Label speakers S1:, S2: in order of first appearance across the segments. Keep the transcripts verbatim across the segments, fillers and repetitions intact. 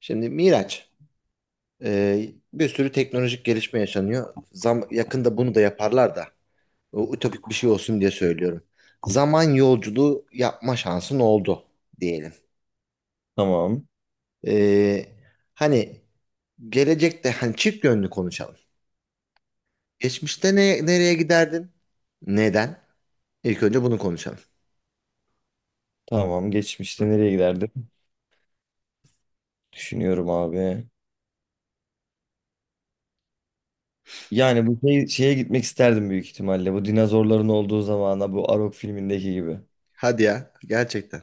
S1: Şimdi Miraç, e, bir sürü teknolojik gelişme yaşanıyor. Zam yakında bunu da yaparlar da. O ütopik bir şey olsun diye söylüyorum. Zaman yolculuğu yapma şansın oldu diyelim.
S2: Tamam.
S1: E, hani gelecekte hani çift yönlü konuşalım. Geçmişte ne, nereye giderdin? Neden? İlk önce bunu konuşalım.
S2: Tamam. Geçmişte
S1: Hı.
S2: nereye giderdim? Düşünüyorum abi. Yani bu şey, şeye gitmek isterdim büyük ihtimalle. Bu dinozorların olduğu zamana bu Arok filmindeki gibi.
S1: Hadi ya, gerçekten.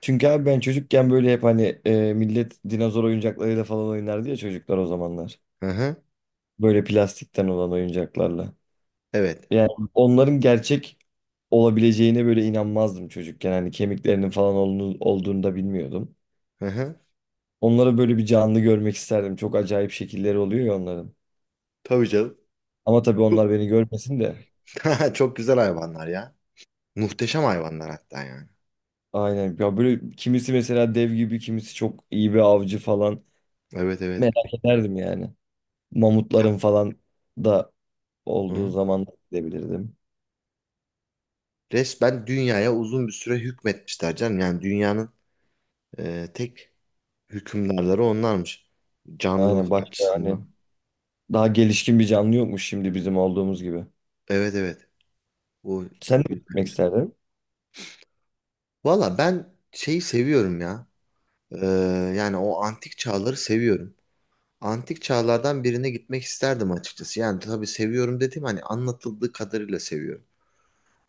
S2: Çünkü abi ben çocukken böyle hep hani e, millet dinozor oyuncaklarıyla falan oynardı ya çocuklar o zamanlar.
S1: Hı hı.
S2: Böyle plastikten olan oyuncaklarla.
S1: Evet.
S2: Yani onların gerçek olabileceğine böyle inanmazdım çocukken. Hani kemiklerinin falan olduğunu, olduğunu da bilmiyordum.
S1: Hı hı.
S2: Onları böyle bir canlı görmek isterdim. Çok acayip şekilleri oluyor ya onların.
S1: Tabii canım.
S2: Ama tabii
S1: Çok
S2: onlar beni görmesin de.
S1: Çok güzel hayvanlar ya. Muhteşem hayvanlar hatta yani.
S2: Aynen. Ya böyle kimisi mesela dev gibi, kimisi çok iyi bir avcı falan.
S1: Evet evet.
S2: Merak ederdim yani.
S1: Hı
S2: Mamutların falan da olduğu
S1: hı.
S2: zaman da gidebilirdim.
S1: Resmen dünyaya uzun bir süre hükmetmişler canım. Yani dünyanın e, tek hükümdarları onlarmış.
S2: Aynen
S1: Canlılık
S2: başka hani
S1: açısından.
S2: daha gelişkin bir canlı yokmuş şimdi bizim olduğumuz gibi.
S1: Evet evet. O
S2: Sen de
S1: güzel.
S2: gitmek isterdin.
S1: Valla ben şeyi seviyorum ya. Ee, yani o antik çağları seviyorum. Antik çağlardan birine gitmek isterdim açıkçası. Yani tabii seviyorum dediğim hani anlatıldığı kadarıyla seviyorum.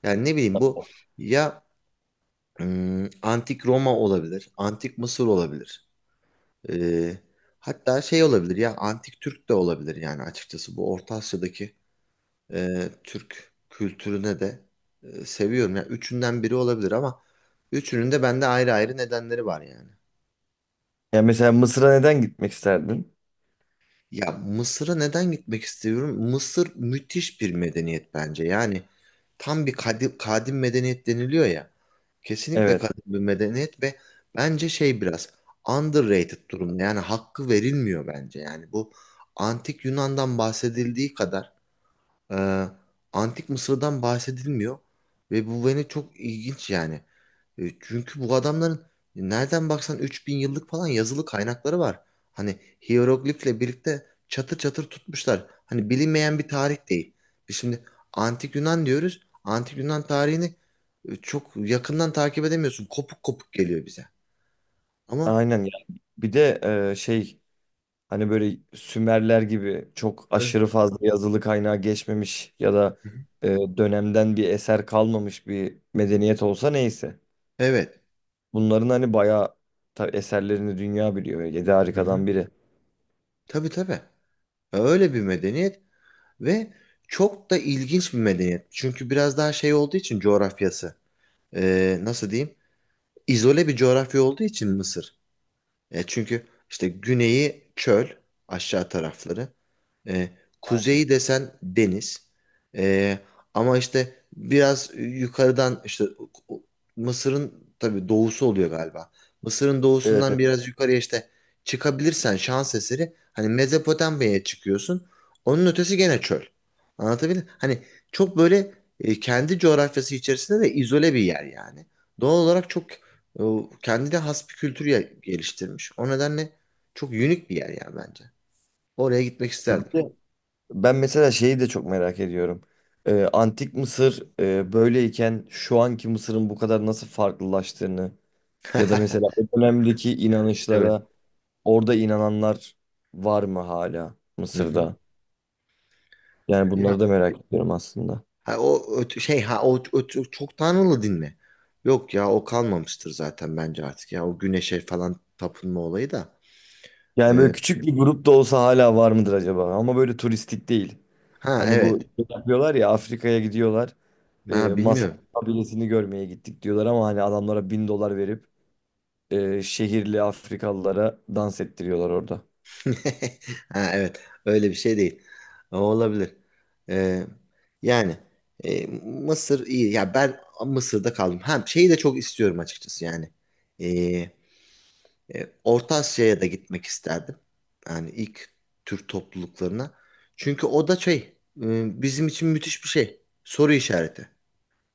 S1: Yani ne bileyim bu ya ım, antik Roma olabilir, antik Mısır olabilir. Ee, hatta şey olabilir ya antik Türk de olabilir yani açıkçası bu Orta Asya'daki e, Türk kültürüne de e, seviyorum. Yani üçünden biri olabilir ama üçünün de bende ayrı ayrı nedenleri var yani.
S2: Ya mesela Mısır'a neden gitmek isterdin?
S1: Ya Mısır'a neden gitmek istiyorum? Mısır müthiş bir medeniyet bence. Yani tam bir kadim, kadim medeniyet deniliyor ya. Kesinlikle
S2: Evet.
S1: kadim bir medeniyet ve bence şey biraz underrated durumda. Yani hakkı verilmiyor bence. Yani bu antik Yunan'dan bahsedildiği kadar ee, Antik Mısır'dan bahsedilmiyor ve bu beni çok ilginç yani. E, Çünkü bu adamların nereden baksan üç bin yıllık falan yazılı kaynakları var. Hani hiyeroglifle birlikte çatır çatır tutmuşlar. Hani bilinmeyen bir tarih değil. Biz şimdi Antik Yunan diyoruz. Antik Yunan tarihini e, çok yakından takip edemiyorsun. Kopuk kopuk geliyor bize. Ama
S2: Aynen ya. Bir de e, şey hani böyle Sümerler gibi çok
S1: Evet.
S2: aşırı fazla yazılı kaynağa geçmemiş ya da
S1: Hı hı.
S2: e, dönemden bir eser kalmamış bir medeniyet olsa neyse.
S1: Evet.
S2: Bunların hani bayağı tabii eserlerini dünya biliyor. Yedi
S1: Hı hı.
S2: harikadan biri.
S1: Tabii tabii. Öyle bir medeniyet. Ve çok da ilginç bir medeniyet. Çünkü biraz daha şey olduğu için coğrafyası. e, nasıl diyeyim? İzole bir coğrafya olduğu için Mısır. E, çünkü işte güneyi çöl aşağı tarafları. E, kuzeyi desen deniz. E, ama işte biraz yukarıdan işte Mısır'ın tabii doğusu oluyor galiba. Mısır'ın
S2: Evet.
S1: doğusundan
S2: Evet.
S1: biraz yukarıya işte çıkabilirsen şans eseri hani Mezopotamya'ya çıkıyorsun. Onun ötesi gene çöl. Anlatabildim? Hani çok böyle e, kendi coğrafyası içerisinde de izole bir yer yani. Doğal olarak çok e, kendine has bir kültür ya- geliştirmiş. O nedenle çok unik bir yer yani bence. Oraya gitmek
S2: Bir
S1: isterdim.
S2: de ben mesela şeyi de çok merak ediyorum. Ee, Antik Mısır e, böyleyken şu anki Mısır'ın bu kadar nasıl farklılaştığını ya da mesela o dönemdeki
S1: Evet.
S2: inanışlara orada inananlar var mı hala
S1: Hı hı.
S2: Mısır'da? Yani
S1: Ya,
S2: bunları da merak ediyorum aslında.
S1: ha, o öt- şey, ha, o, o çok çok tanrılı din mi? Yok ya o kalmamıştır zaten bence artık ya o güneşe falan tapınma olayı da.
S2: Yani
S1: Ee,
S2: böyle küçük bir grup da olsa hala var mıdır acaba? Ama böyle turistik değil.
S1: ha
S2: Hani bu
S1: evet.
S2: yapıyorlar ya, Afrika'ya gidiyorlar. E,
S1: Ha
S2: Masai
S1: bilmiyorum.
S2: kabilesini görmeye gittik diyorlar ama hani adamlara bin dolar verip e, şehirli Afrikalılara dans ettiriyorlar orada.
S1: Ha evet. Öyle bir şey değil. O olabilir. Ee, yani e, Mısır iyi. Ya ben Mısır'da kaldım. Ha şeyi de çok istiyorum açıkçası yani. Ee, E, Orta Asya'ya da gitmek isterdim. Yani ilk Türk topluluklarına. Çünkü o da şey, e, bizim için müthiş bir şey. Soru işareti.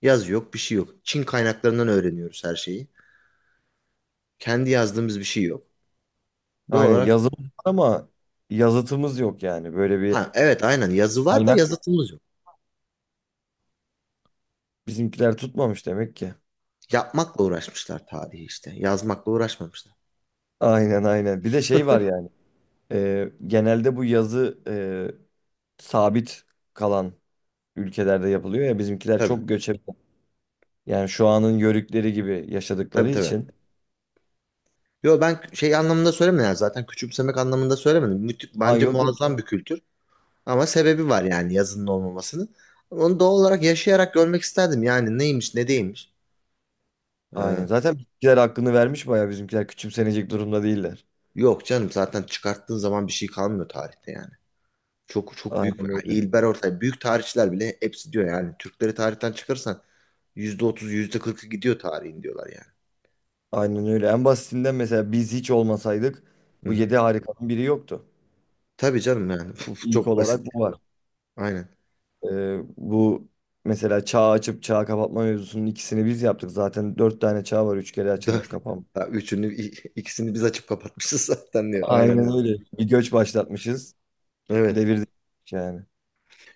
S1: Yazı yok, bir şey yok. Çin kaynaklarından öğreniyoruz her şeyi. Kendi yazdığımız bir şey yok. Doğal
S2: Aynen,
S1: olarak,
S2: yazımız var ama yazıtımız yok yani. Böyle bir
S1: ha evet aynen yazı var da
S2: kaynak yok.
S1: yazıtımız yok.
S2: Bizimkiler tutmamış demek ki.
S1: Yapmakla uğraşmışlar tarihi işte. Yazmakla uğraşmamışlar.
S2: Aynen, aynen. Bir de şey var yani. E, genelde bu yazı e, sabit kalan ülkelerde yapılıyor ya, bizimkiler
S1: Tabii,
S2: çok göçebe. Yani şu anın yörükleri gibi
S1: tabii
S2: yaşadıkları
S1: tabii.
S2: için.
S1: Yo ben şey anlamında söylemedim yani zaten küçümsemek anlamında söylemedim. Müthi-
S2: Ha,
S1: bence
S2: yok yok.
S1: muazzam bir kültür. Ama sebebi var yani yazının olmamasının. Onu doğal olarak yaşayarak görmek isterdim. Yani neymiş ne değilmiş.
S2: Aynen.
S1: Ee,
S2: Zaten bizimkiler hakkını vermiş, bayağı bizimkiler küçümsenecek durumda değiller.
S1: Yok canım zaten çıkarttığın zaman bir şey kalmıyor tarihte yani. Çok çok büyük.
S2: Aynen
S1: Ha,
S2: öyle.
S1: İlber Ortay büyük tarihçiler bile hepsi diyor yani. Türkleri tarihten çıkarırsan yüzde %40'ı gidiyor tarihin diyorlar yani.
S2: Aynen öyle. En basitinden mesela biz hiç olmasaydık
S1: Hı
S2: bu
S1: hı.
S2: yedi harikanın biri yoktu.
S1: Tabii canım yani. Bu
S2: İlk
S1: çok
S2: olarak
S1: basit.
S2: bu var.
S1: Aynen.
S2: Ee, bu mesela çağ açıp çağ kapatma mevzusunun ikisini biz yaptık. Zaten dört tane çağ var. Üç kere açılmış
S1: Dört.
S2: kapanmış.
S1: Ha, Üçünü i- ikisini biz açıp kapatmışız zaten diyor. Aynen
S2: Aynen
S1: öyle.
S2: öyle. Bir göç başlatmışız.
S1: Evet.
S2: Devirdik yani.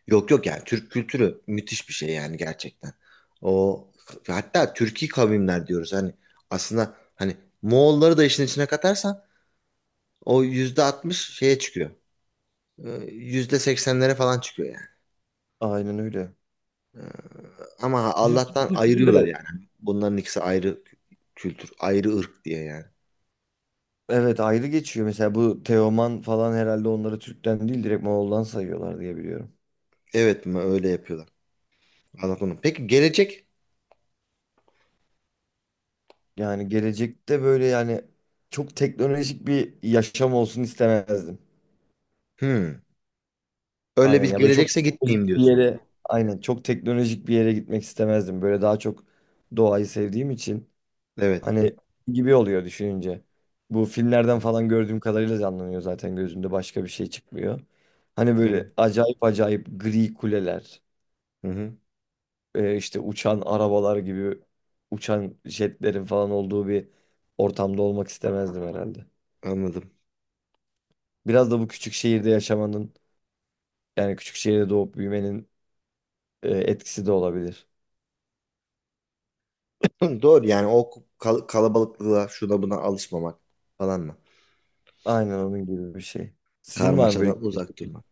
S1: Yok yok yani Türk kültürü müthiş bir şey yani gerçekten. O hatta Türki kavimler diyoruz hani aslında hani Moğolları da işin içine katarsan o yüzde altmış şeye çıkıyor. Ee, Yüzde seksenlere falan çıkıyor yani.
S2: Aynen öyle.
S1: Ama
S2: Bizim
S1: Allah'tan
S2: kültürü
S1: ayırıyorlar
S2: de
S1: yani. Bunların ikisi ayrı kültür, ayrı ırk diye yani.
S2: evet ayrı geçiyor. Mesela bu Teoman falan herhalde onları Türk'ten değil direkt Moğol'dan sayıyorlar diye biliyorum.
S1: Evet mi öyle yapıyorlar. Anladım. Peki gelecek?
S2: Yani gelecekte böyle yani çok teknolojik bir yaşam olsun istemezdim.
S1: Hmm. Öyle
S2: Aynen
S1: bir
S2: ya, böyle çok
S1: gelecekse gitmeyeyim
S2: teknolojik bir
S1: diyorsun yani.
S2: yere, aynen çok teknolojik bir yere gitmek istemezdim. Böyle daha çok doğayı sevdiğim için
S1: Evet.
S2: hani gibi oluyor düşününce. Bu
S1: Hı
S2: filmlerden
S1: hı.
S2: falan gördüğüm kadarıyla canlanıyor zaten gözümde, başka bir şey çıkmıyor. Hani
S1: Evet.
S2: böyle acayip acayip gri kuleler.
S1: Hı hı.
S2: e, işte uçan arabalar gibi uçan jetlerin falan olduğu bir ortamda olmak istemezdim herhalde.
S1: Anladım.
S2: Biraz da bu küçük şehirde yaşamanın, yani küçük şehirde doğup büyümenin e, etkisi de olabilir.
S1: Hı, doğru yani o kal- kalabalıklığa şuna buna alışmamak falan mı?
S2: Aynen onun gibi bir şey. Sizin var mı böyle
S1: Karmaşadan uzak
S2: gelecek
S1: durmak.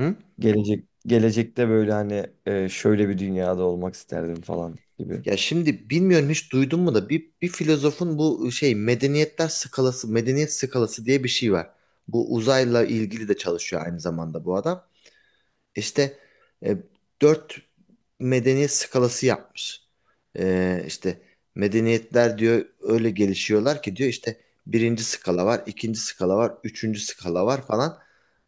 S1: Hı?
S2: gelecek- gelecekte böyle hani e, şöyle bir dünyada olmak isterdim falan gibi?
S1: Ya şimdi bilmiyorum hiç duydun mu da bir, bir filozofun bu şey medeniyetler skalası, medeniyet skalası diye bir şey var. Bu uzayla ilgili de çalışıyor aynı zamanda bu adam. İşte e, dört medeniyet skalası yapmış. E, işte medeniyetler diyor öyle gelişiyorlar ki diyor işte birinci skala var, ikinci skala var, üçüncü skala var falan.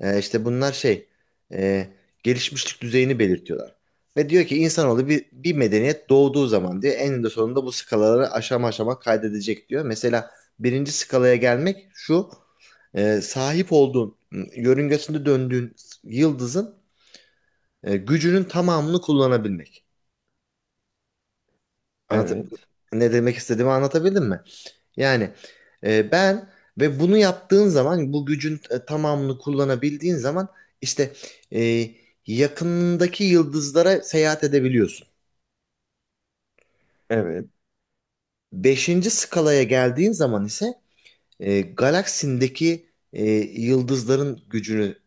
S1: E, işte bunlar şey e, gelişmişlik düzeyini belirtiyorlar. Ve diyor ki insanoğlu bir, bir medeniyet doğduğu zaman diyor eninde sonunda bu skalaları aşama aşama kaydedecek diyor. Mesela birinci skalaya gelmek şu e, sahip olduğun, ıı, yörüngesinde döndüğün yıldızın e, gücünün tamamını kullanabilmek. Anlat
S2: Evet.
S1: Ne demek istediğimi anlatabildim mi? Yani e, ben ve bunu yaptığın zaman bu gücün e, tamamını kullanabildiğin zaman işte e, yakındaki yıldızlara seyahat edebiliyorsun.
S2: Evet.
S1: Beşinci skalaya geldiğin zaman ise e, galaksindeki e, yıldızların gücünü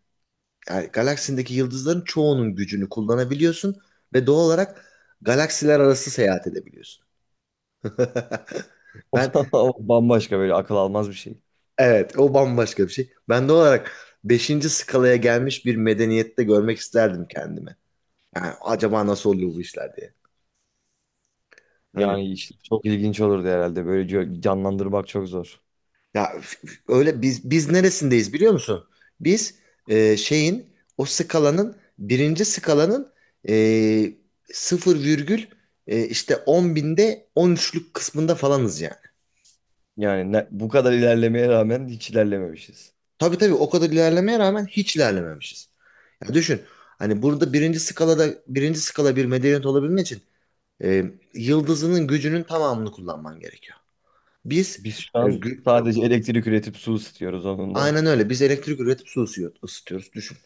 S1: yani galaksindeki yıldızların çoğunun gücünü kullanabiliyorsun ve doğal olarak galaksiler arası seyahat edebiliyorsun.
S2: O
S1: Ben
S2: da- o bambaşka böyle akıl almaz bir şey.
S1: Evet, o bambaşka bir şey. Ben de olarak beşinci skalaya gelmiş bir medeniyette görmek isterdim kendimi. Yani acaba nasıl oluyor bu işler diye. Hani
S2: Yani işte çok ilginç olurdu herhalde. Böyle gö- canlandırmak çok zor.
S1: ya f- f- öyle biz biz neresindeyiz biliyor musun? Biz e, şeyin o skalanın birinci skalanın e, sıfır virgül e, işte on binde on üçlük kısmında falanız yani.
S2: Yani ne- bu kadar ilerlemeye rağmen hiç ilerlememişiz.
S1: Tabii tabii o kadar ilerlemeye rağmen hiç ilerlememişiz. Ya düşün hani burada birinci skalada birinci skala bir medeniyet olabilmek için e, yıldızının gücünün tamamını kullanman gerekiyor. Biz
S2: Biz şu
S1: e,
S2: an
S1: gü-
S2: sadece elektrik üretip su ısıtıyoruz onunla.
S1: aynen öyle. Biz elektrik üretip su ısıyor- ısıtıyoruz. Düşün.